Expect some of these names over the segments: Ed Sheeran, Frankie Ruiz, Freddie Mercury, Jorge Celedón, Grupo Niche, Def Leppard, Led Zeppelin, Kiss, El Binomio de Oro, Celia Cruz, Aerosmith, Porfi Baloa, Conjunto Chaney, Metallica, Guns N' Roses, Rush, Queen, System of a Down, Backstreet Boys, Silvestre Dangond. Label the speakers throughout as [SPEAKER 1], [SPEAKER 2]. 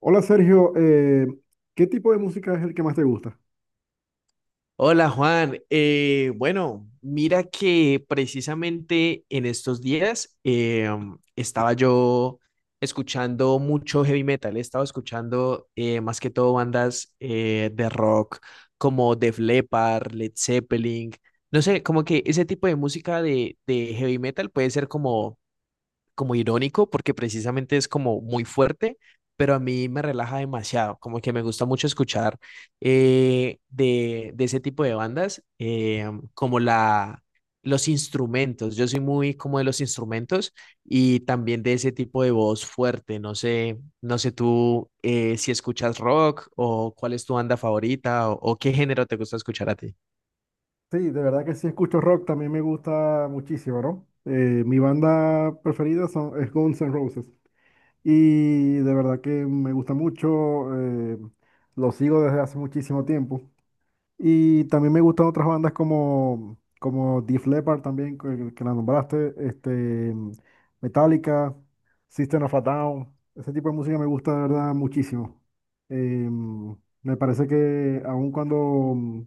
[SPEAKER 1] Hola Sergio, ¿qué tipo de música es el que más te gusta?
[SPEAKER 2] Hola Juan, bueno, mira que precisamente en estos días estaba yo escuchando mucho heavy metal, estaba escuchando más que todo bandas de rock como Def Leppard, Led Zeppelin, no sé, como que ese tipo de música de heavy metal puede ser como irónico porque precisamente es como muy fuerte, pero a mí me relaja demasiado, como que me gusta mucho escuchar de ese tipo de bandas, como la, los instrumentos, yo soy muy como de los instrumentos y también de ese tipo de voz fuerte, no sé, no sé tú si escuchas rock o cuál es tu banda favorita o qué género te gusta escuchar a ti.
[SPEAKER 1] Sí, de verdad que sí escucho rock, también me gusta muchísimo, ¿no? Mi banda preferida es Guns N' Roses y de verdad que me gusta mucho, lo sigo desde hace muchísimo tiempo. Y también me gustan otras bandas como Def Leppard también, que la nombraste, este, Metallica, System of a Down. Ese tipo de música me gusta de verdad muchísimo. Em, Me parece que aun cuando mm,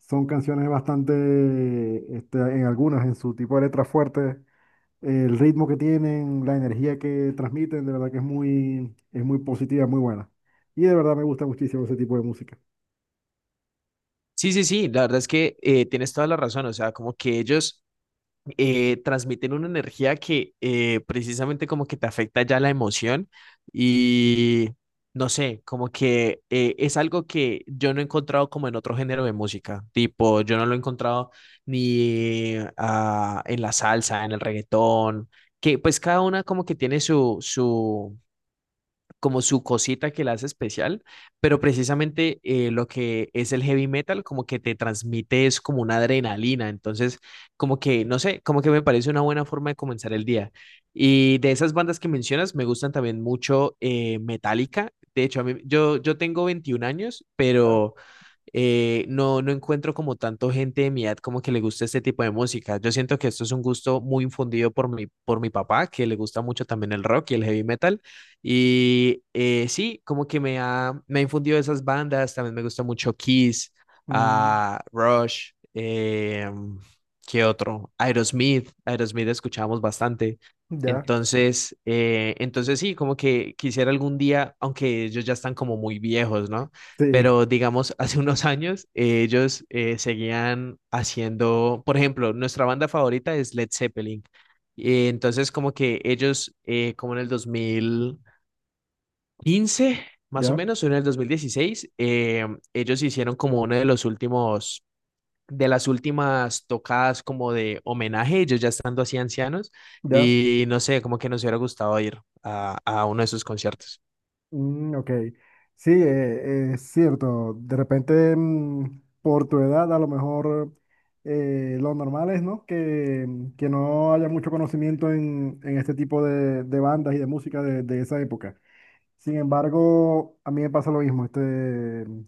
[SPEAKER 1] son canciones bastante, este, en algunas, en su tipo de letras fuertes, el ritmo que tienen, la energía que transmiten, de verdad que es muy positiva, muy buena. Y de verdad me gusta muchísimo ese tipo de música.
[SPEAKER 2] Sí, sí, sí, la verdad es que tienes toda la razón. O sea, como que ellos transmiten una energía que precisamente como que te afecta ya la emoción y no sé, como que es algo que yo no he encontrado como en otro género de música, tipo, yo no lo he encontrado ni en la salsa, en el reggaetón, que pues cada una como que tiene como su cosita que la hace especial, pero precisamente lo que es el heavy metal como que te transmite es como una adrenalina. Entonces, como que, no sé, como que me parece una buena forma de comenzar el día. Y de esas bandas que mencionas, me gustan también mucho Metallica. De hecho, yo tengo 21 años,
[SPEAKER 1] ¿Verdad?
[SPEAKER 2] pero no encuentro como tanto gente de mi edad como que le gusta este tipo de música. Yo siento que esto es un gusto muy infundido por por mi papá, que le gusta mucho también el rock y el heavy metal. Y sí, como que me ha infundido esas bandas. También me gusta mucho Kiss,
[SPEAKER 1] Mm,
[SPEAKER 2] ah, Rush, ¿qué otro? Aerosmith. Aerosmith escuchábamos bastante.
[SPEAKER 1] ya.
[SPEAKER 2] Entonces sí, como que quisiera algún día, aunque ellos ya están como muy viejos, ¿no?
[SPEAKER 1] Sí,
[SPEAKER 2] Pero digamos, hace unos años ellos seguían haciendo, por ejemplo, nuestra banda favorita es Led Zeppelin. Y entonces, como que ellos, como en el 2015 más o
[SPEAKER 1] ya,
[SPEAKER 2] menos, o en el 2016, ellos hicieron como uno de las últimas tocadas como de homenaje, ellos ya estando así ancianos,
[SPEAKER 1] ya.
[SPEAKER 2] y no sé, como que nos hubiera gustado ir a uno de sus conciertos.
[SPEAKER 1] Mm, ok. Sí, es cierto. De repente, mm, por tu edad, a lo mejor lo normal es, ¿no? Que no haya mucho conocimiento en este tipo de bandas y de música de esa época. Sin embargo, a mí me pasa lo mismo. Este,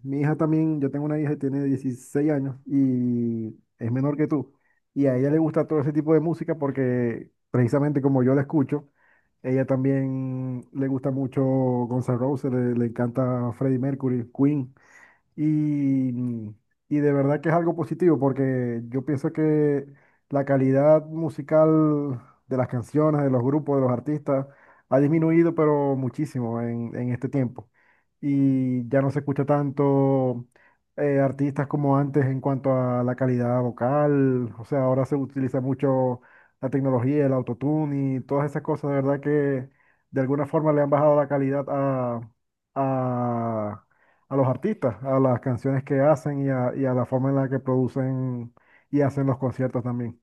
[SPEAKER 1] mi hija también, yo tengo una hija que tiene 16 años y es menor que tú. Y a ella le gusta todo ese tipo de música porque precisamente como yo la escucho, ella también le gusta mucho Guns N' Roses, le encanta Freddie Mercury, Queen. Y, y de verdad que es algo positivo porque yo pienso que la calidad musical de las canciones, de los grupos, de los artistas, ha disminuido pero muchísimo en este tiempo. Y ya no se escucha tanto artistas como antes en cuanto a la calidad vocal. O sea, ahora se utiliza mucho la tecnología, el autotune y todas esas cosas. De verdad que de alguna forma le han bajado la calidad a, a a los artistas, a las canciones que hacen y a la forma en la que producen y hacen los conciertos también.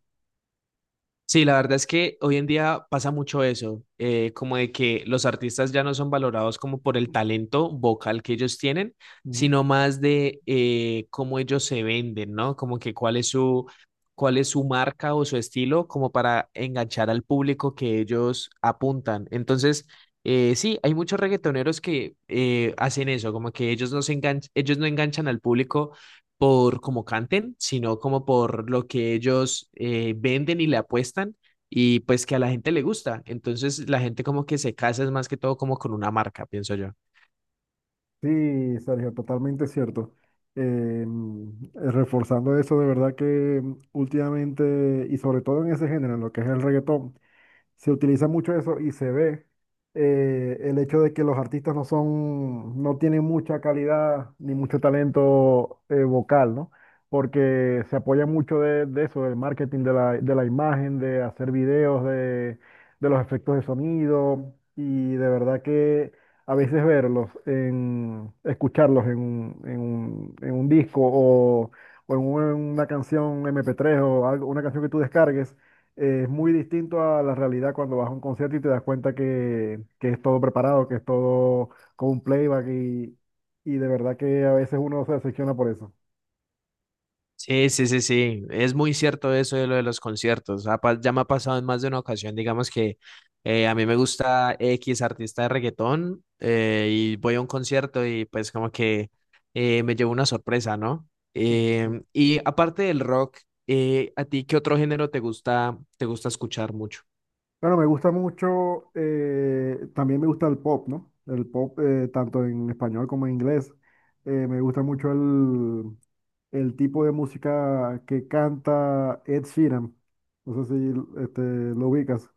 [SPEAKER 2] Sí, la verdad es que hoy en día pasa mucho eso, como de que los artistas ya no son valorados como por el talento vocal que ellos tienen,
[SPEAKER 1] Ujú.
[SPEAKER 2] sino más de cómo ellos se venden, ¿no? Como que cuál es cuál es su marca o su estilo como para enganchar al público que ellos apuntan. Entonces, sí, hay muchos reggaetoneros que hacen eso, como que ellos no enganchan al público por cómo canten, sino como por lo que ellos venden y le apuestan y pues que a la gente le gusta. Entonces la gente como que se casa es más que todo como con una marca, pienso yo.
[SPEAKER 1] Sí, Sergio, totalmente cierto. Eh, reforzando eso, de verdad que últimamente, y sobre todo en ese género, en lo que es el reggaetón, se utiliza mucho eso y se ve el hecho de que los artistas no son, no tienen mucha calidad ni mucho talento vocal, ¿no? Porque se apoya mucho de eso, del marketing de de la imagen, de hacer videos, de los efectos de sonido y de verdad que a veces verlos, en, escucharlos en un, en un, en un disco o en una canción MP3 o algo, una canción que tú descargues es muy distinto a la realidad cuando vas a un concierto y te das cuenta que es todo preparado, que es todo con un playback y de verdad que a veces uno se decepciona por eso.
[SPEAKER 2] Sí, sí, sí, sí. Es muy cierto eso de lo de los conciertos. Ya me ha pasado en más de una ocasión. Digamos que a mí me gusta X artista de reggaetón y voy a un concierto y pues como que me llevo una sorpresa, ¿no?
[SPEAKER 1] Mm.
[SPEAKER 2] Y aparte del rock, ¿a ti qué otro género te gusta escuchar mucho?
[SPEAKER 1] Bueno, me gusta mucho, también me gusta el pop, ¿no? El pop, tanto en español como en inglés. Me gusta mucho el tipo de música que canta Ed Sheeran. No sé si este, lo ubicas.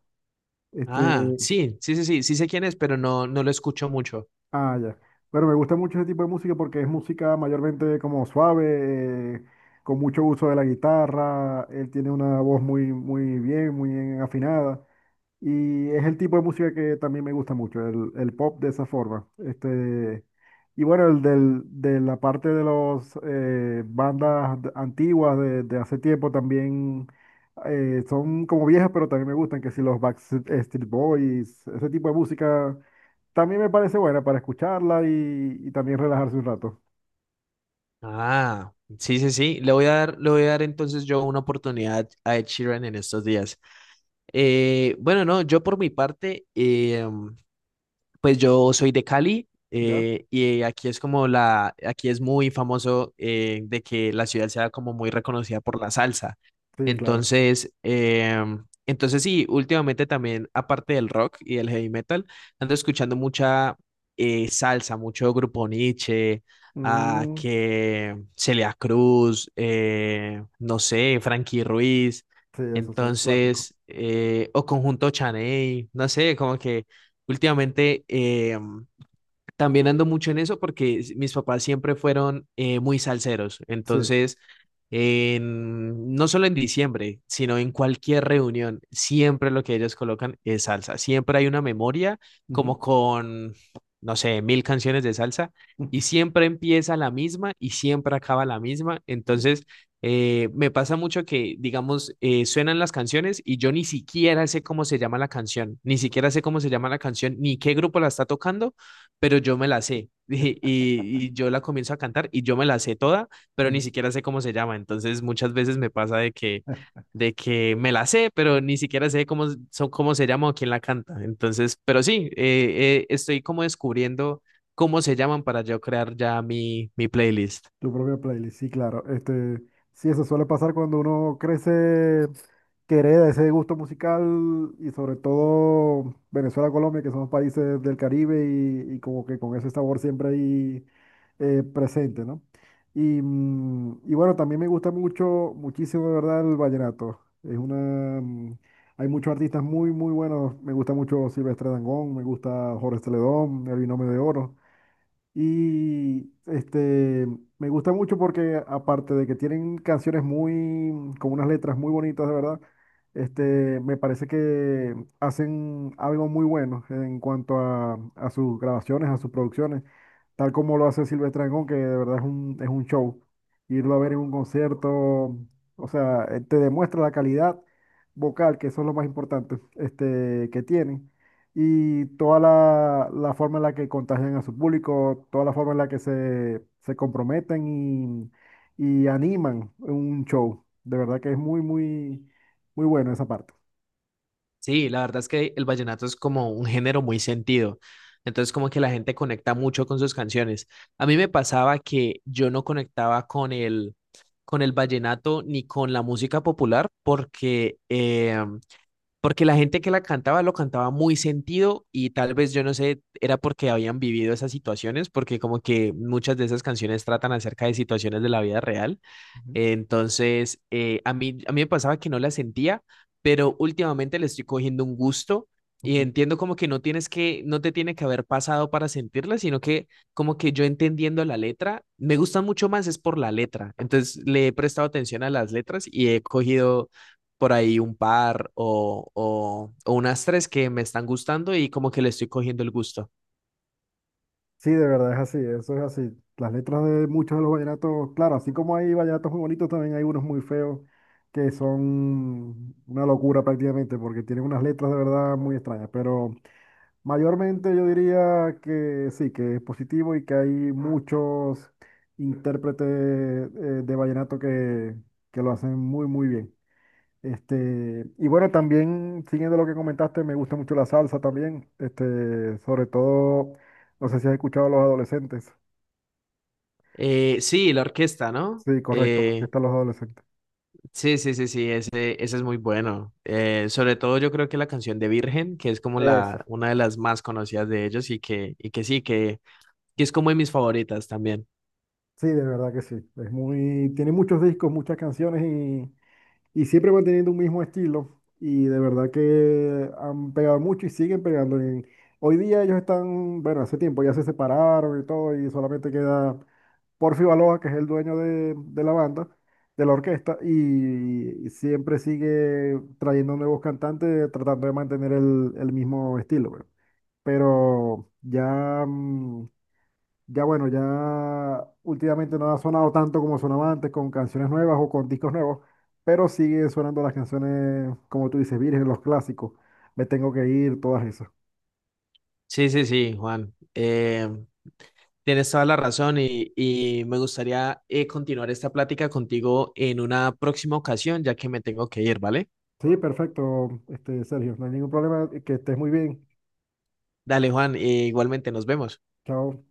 [SPEAKER 1] Este,
[SPEAKER 2] Ah, sí, sí, sí, sí, sí sé quién es, pero no, no lo escucho mucho.
[SPEAKER 1] ah, ya. Bueno, me gusta mucho ese tipo de música porque es música mayormente como suave, con mucho uso de la guitarra. Él tiene una voz muy, muy bien afinada. Y es el tipo de música que también me gusta mucho, el pop de esa forma. Este, y bueno, el del, de la parte de las bandas de- antiguas de hace tiempo también son como viejas, pero también me gustan, que si los Backstreet Boys, ese tipo de música también me parece buena para escucharla y también relajarse un rato.
[SPEAKER 2] Ah, sí, sí, sí. Le voy a dar, le voy a dar entonces yo una oportunidad a Ed Sheeran en estos días. Bueno, no, yo por mi parte, pues yo soy de Cali
[SPEAKER 1] ¿Ya?
[SPEAKER 2] y aquí es como aquí es muy famoso de que la ciudad sea como muy reconocida por la salsa.
[SPEAKER 1] Sí, claro.
[SPEAKER 2] Entonces sí, últimamente también, aparte del rock y del heavy metal, ando escuchando mucha salsa, mucho Grupo Niche, a
[SPEAKER 1] Mm,
[SPEAKER 2] que Celia Cruz, no sé, Frankie Ruiz,
[SPEAKER 1] sí, esos son clásicos.
[SPEAKER 2] entonces, o Conjunto Chaney, no sé, como que últimamente también ando mucho en eso porque mis papás siempre fueron muy salseros.
[SPEAKER 1] Sí.
[SPEAKER 2] Entonces, no solo en diciembre, sino en cualquier reunión, siempre lo que ellos colocan es salsa. Siempre hay una memoria
[SPEAKER 1] Ujú,
[SPEAKER 2] como con, no sé, mil canciones de salsa
[SPEAKER 1] ujú,
[SPEAKER 2] y siempre empieza la misma y siempre acaba la misma. Entonces, me pasa mucho que, digamos, suenan las canciones y yo ni siquiera sé cómo se llama la canción, ni siquiera sé cómo se llama la canción, ni qué grupo la está tocando, pero yo me la sé. Y yo la comienzo a cantar y yo me la sé toda, pero ni
[SPEAKER 1] ujú.
[SPEAKER 2] siquiera sé cómo se llama. Entonces muchas veces me pasa de que me la sé, pero ni siquiera sé cómo se llama o quién la canta. Entonces, pero sí, estoy como descubriendo cómo se llaman para yo crear ya mi playlist.
[SPEAKER 1] Tu propia playlist, sí, claro. Este, sí, eso suele pasar cuando uno crece, que hereda ese gusto musical y sobre todo Venezuela, Colombia, que son países del Caribe y como que con ese sabor siempre ahí presente, ¿no? Y, mm, y bueno, también me gusta mucho, muchísimo, de verdad, el vallenato. Es una, mm, hay muchos artistas muy, muy buenos. Me gusta mucho Silvestre Dangond, me gusta Jorge Celedón, El Binomio de Oro. Y este, me gusta mucho porque aparte de que tienen canciones muy, con unas letras muy bonitas, de verdad, este, me parece que hacen algo muy bueno en cuanto a sus grabaciones, a sus producciones, tal como lo hace Silvestre Dangond, que de verdad es un show. Irlo a ver en un concierto, o sea, te demuestra la calidad vocal, que eso es lo más importante, este, que tienen y toda la, la forma en la que contagian a su público, toda la forma en la que se comprometen y animan un show. De verdad que es muy, muy, muy bueno esa parte.
[SPEAKER 2] Sí, la verdad es que el vallenato es como un género muy sentido. Entonces, como que la gente conecta mucho con sus canciones. A mí me pasaba que yo no conectaba con el vallenato ni con la música popular porque la gente que la cantaba lo cantaba muy sentido y tal vez yo no sé, era porque habían vivido esas situaciones, porque como que muchas de esas canciones tratan acerca de situaciones de la vida real.
[SPEAKER 1] Ujú.
[SPEAKER 2] Entonces, a mí me pasaba que no la sentía, pero últimamente le estoy cogiendo un gusto y
[SPEAKER 1] Ujú.
[SPEAKER 2] entiendo como que no te tiene que haber pasado para sentirla, sino que como que yo entendiendo la letra, me gusta mucho más es por la letra. Entonces, le he prestado atención a las letras y he cogido por ahí un par o unas tres que me están gustando y como que le estoy cogiendo el gusto.
[SPEAKER 1] Sí, de verdad es así, eso es así. Las letras de muchos de los vallenatos, claro, así como hay vallenatos muy bonitos, también hay unos muy feos que son una locura prácticamente, porque tienen unas letras de verdad muy extrañas, pero... Mayormente yo diría que sí, que es positivo y que hay muchos intérpretes de vallenato que lo hacen muy, muy bien. Este, y bueno, también, siguiendo lo que comentaste, me gusta mucho la salsa también, este, sobre todo, no sé si has escuchado a los adolescentes.
[SPEAKER 2] Sí, la orquesta, ¿no?
[SPEAKER 1] Sí, correcto, aquí están los adolescentes.
[SPEAKER 2] Sí, sí, sí, sí, ese es muy bueno. Sobre todo yo creo que la canción de Virgen, que es como
[SPEAKER 1] Eso,
[SPEAKER 2] una de las más conocidas de ellos y que sí, que es como de mis favoritas también.
[SPEAKER 1] sí, de verdad que sí. Es muy, tiene muchos discos, muchas canciones y siempre manteniendo un mismo estilo y de verdad que han pegado mucho y siguen pegando. En- hoy día ellos están, bueno, hace tiempo ya se separaron y todo y solamente queda Porfi Baloa, que es el dueño de la banda, de la orquesta y, siempre sigue trayendo nuevos cantantes tratando de mantener el mismo estilo, pues. Pero ya, mm, ya bueno, ya últimamente no ha sonado tanto como sonaba antes con canciones nuevas o con discos nuevos, pero siguen sonando las canciones, como tú dices, virgen, los clásicos. Me tengo que ir, todas esas.
[SPEAKER 2] Sí, sí, sí, Juan. Tienes toda la razón y me gustaría continuar esta plática contigo en una próxima ocasión, ya que me tengo que ir, ¿vale?
[SPEAKER 1] Sí, perfecto, este, Sergio, no hay ningún problema, que estés muy bien.
[SPEAKER 2] Dale, Juan, igualmente nos vemos.
[SPEAKER 1] Chao.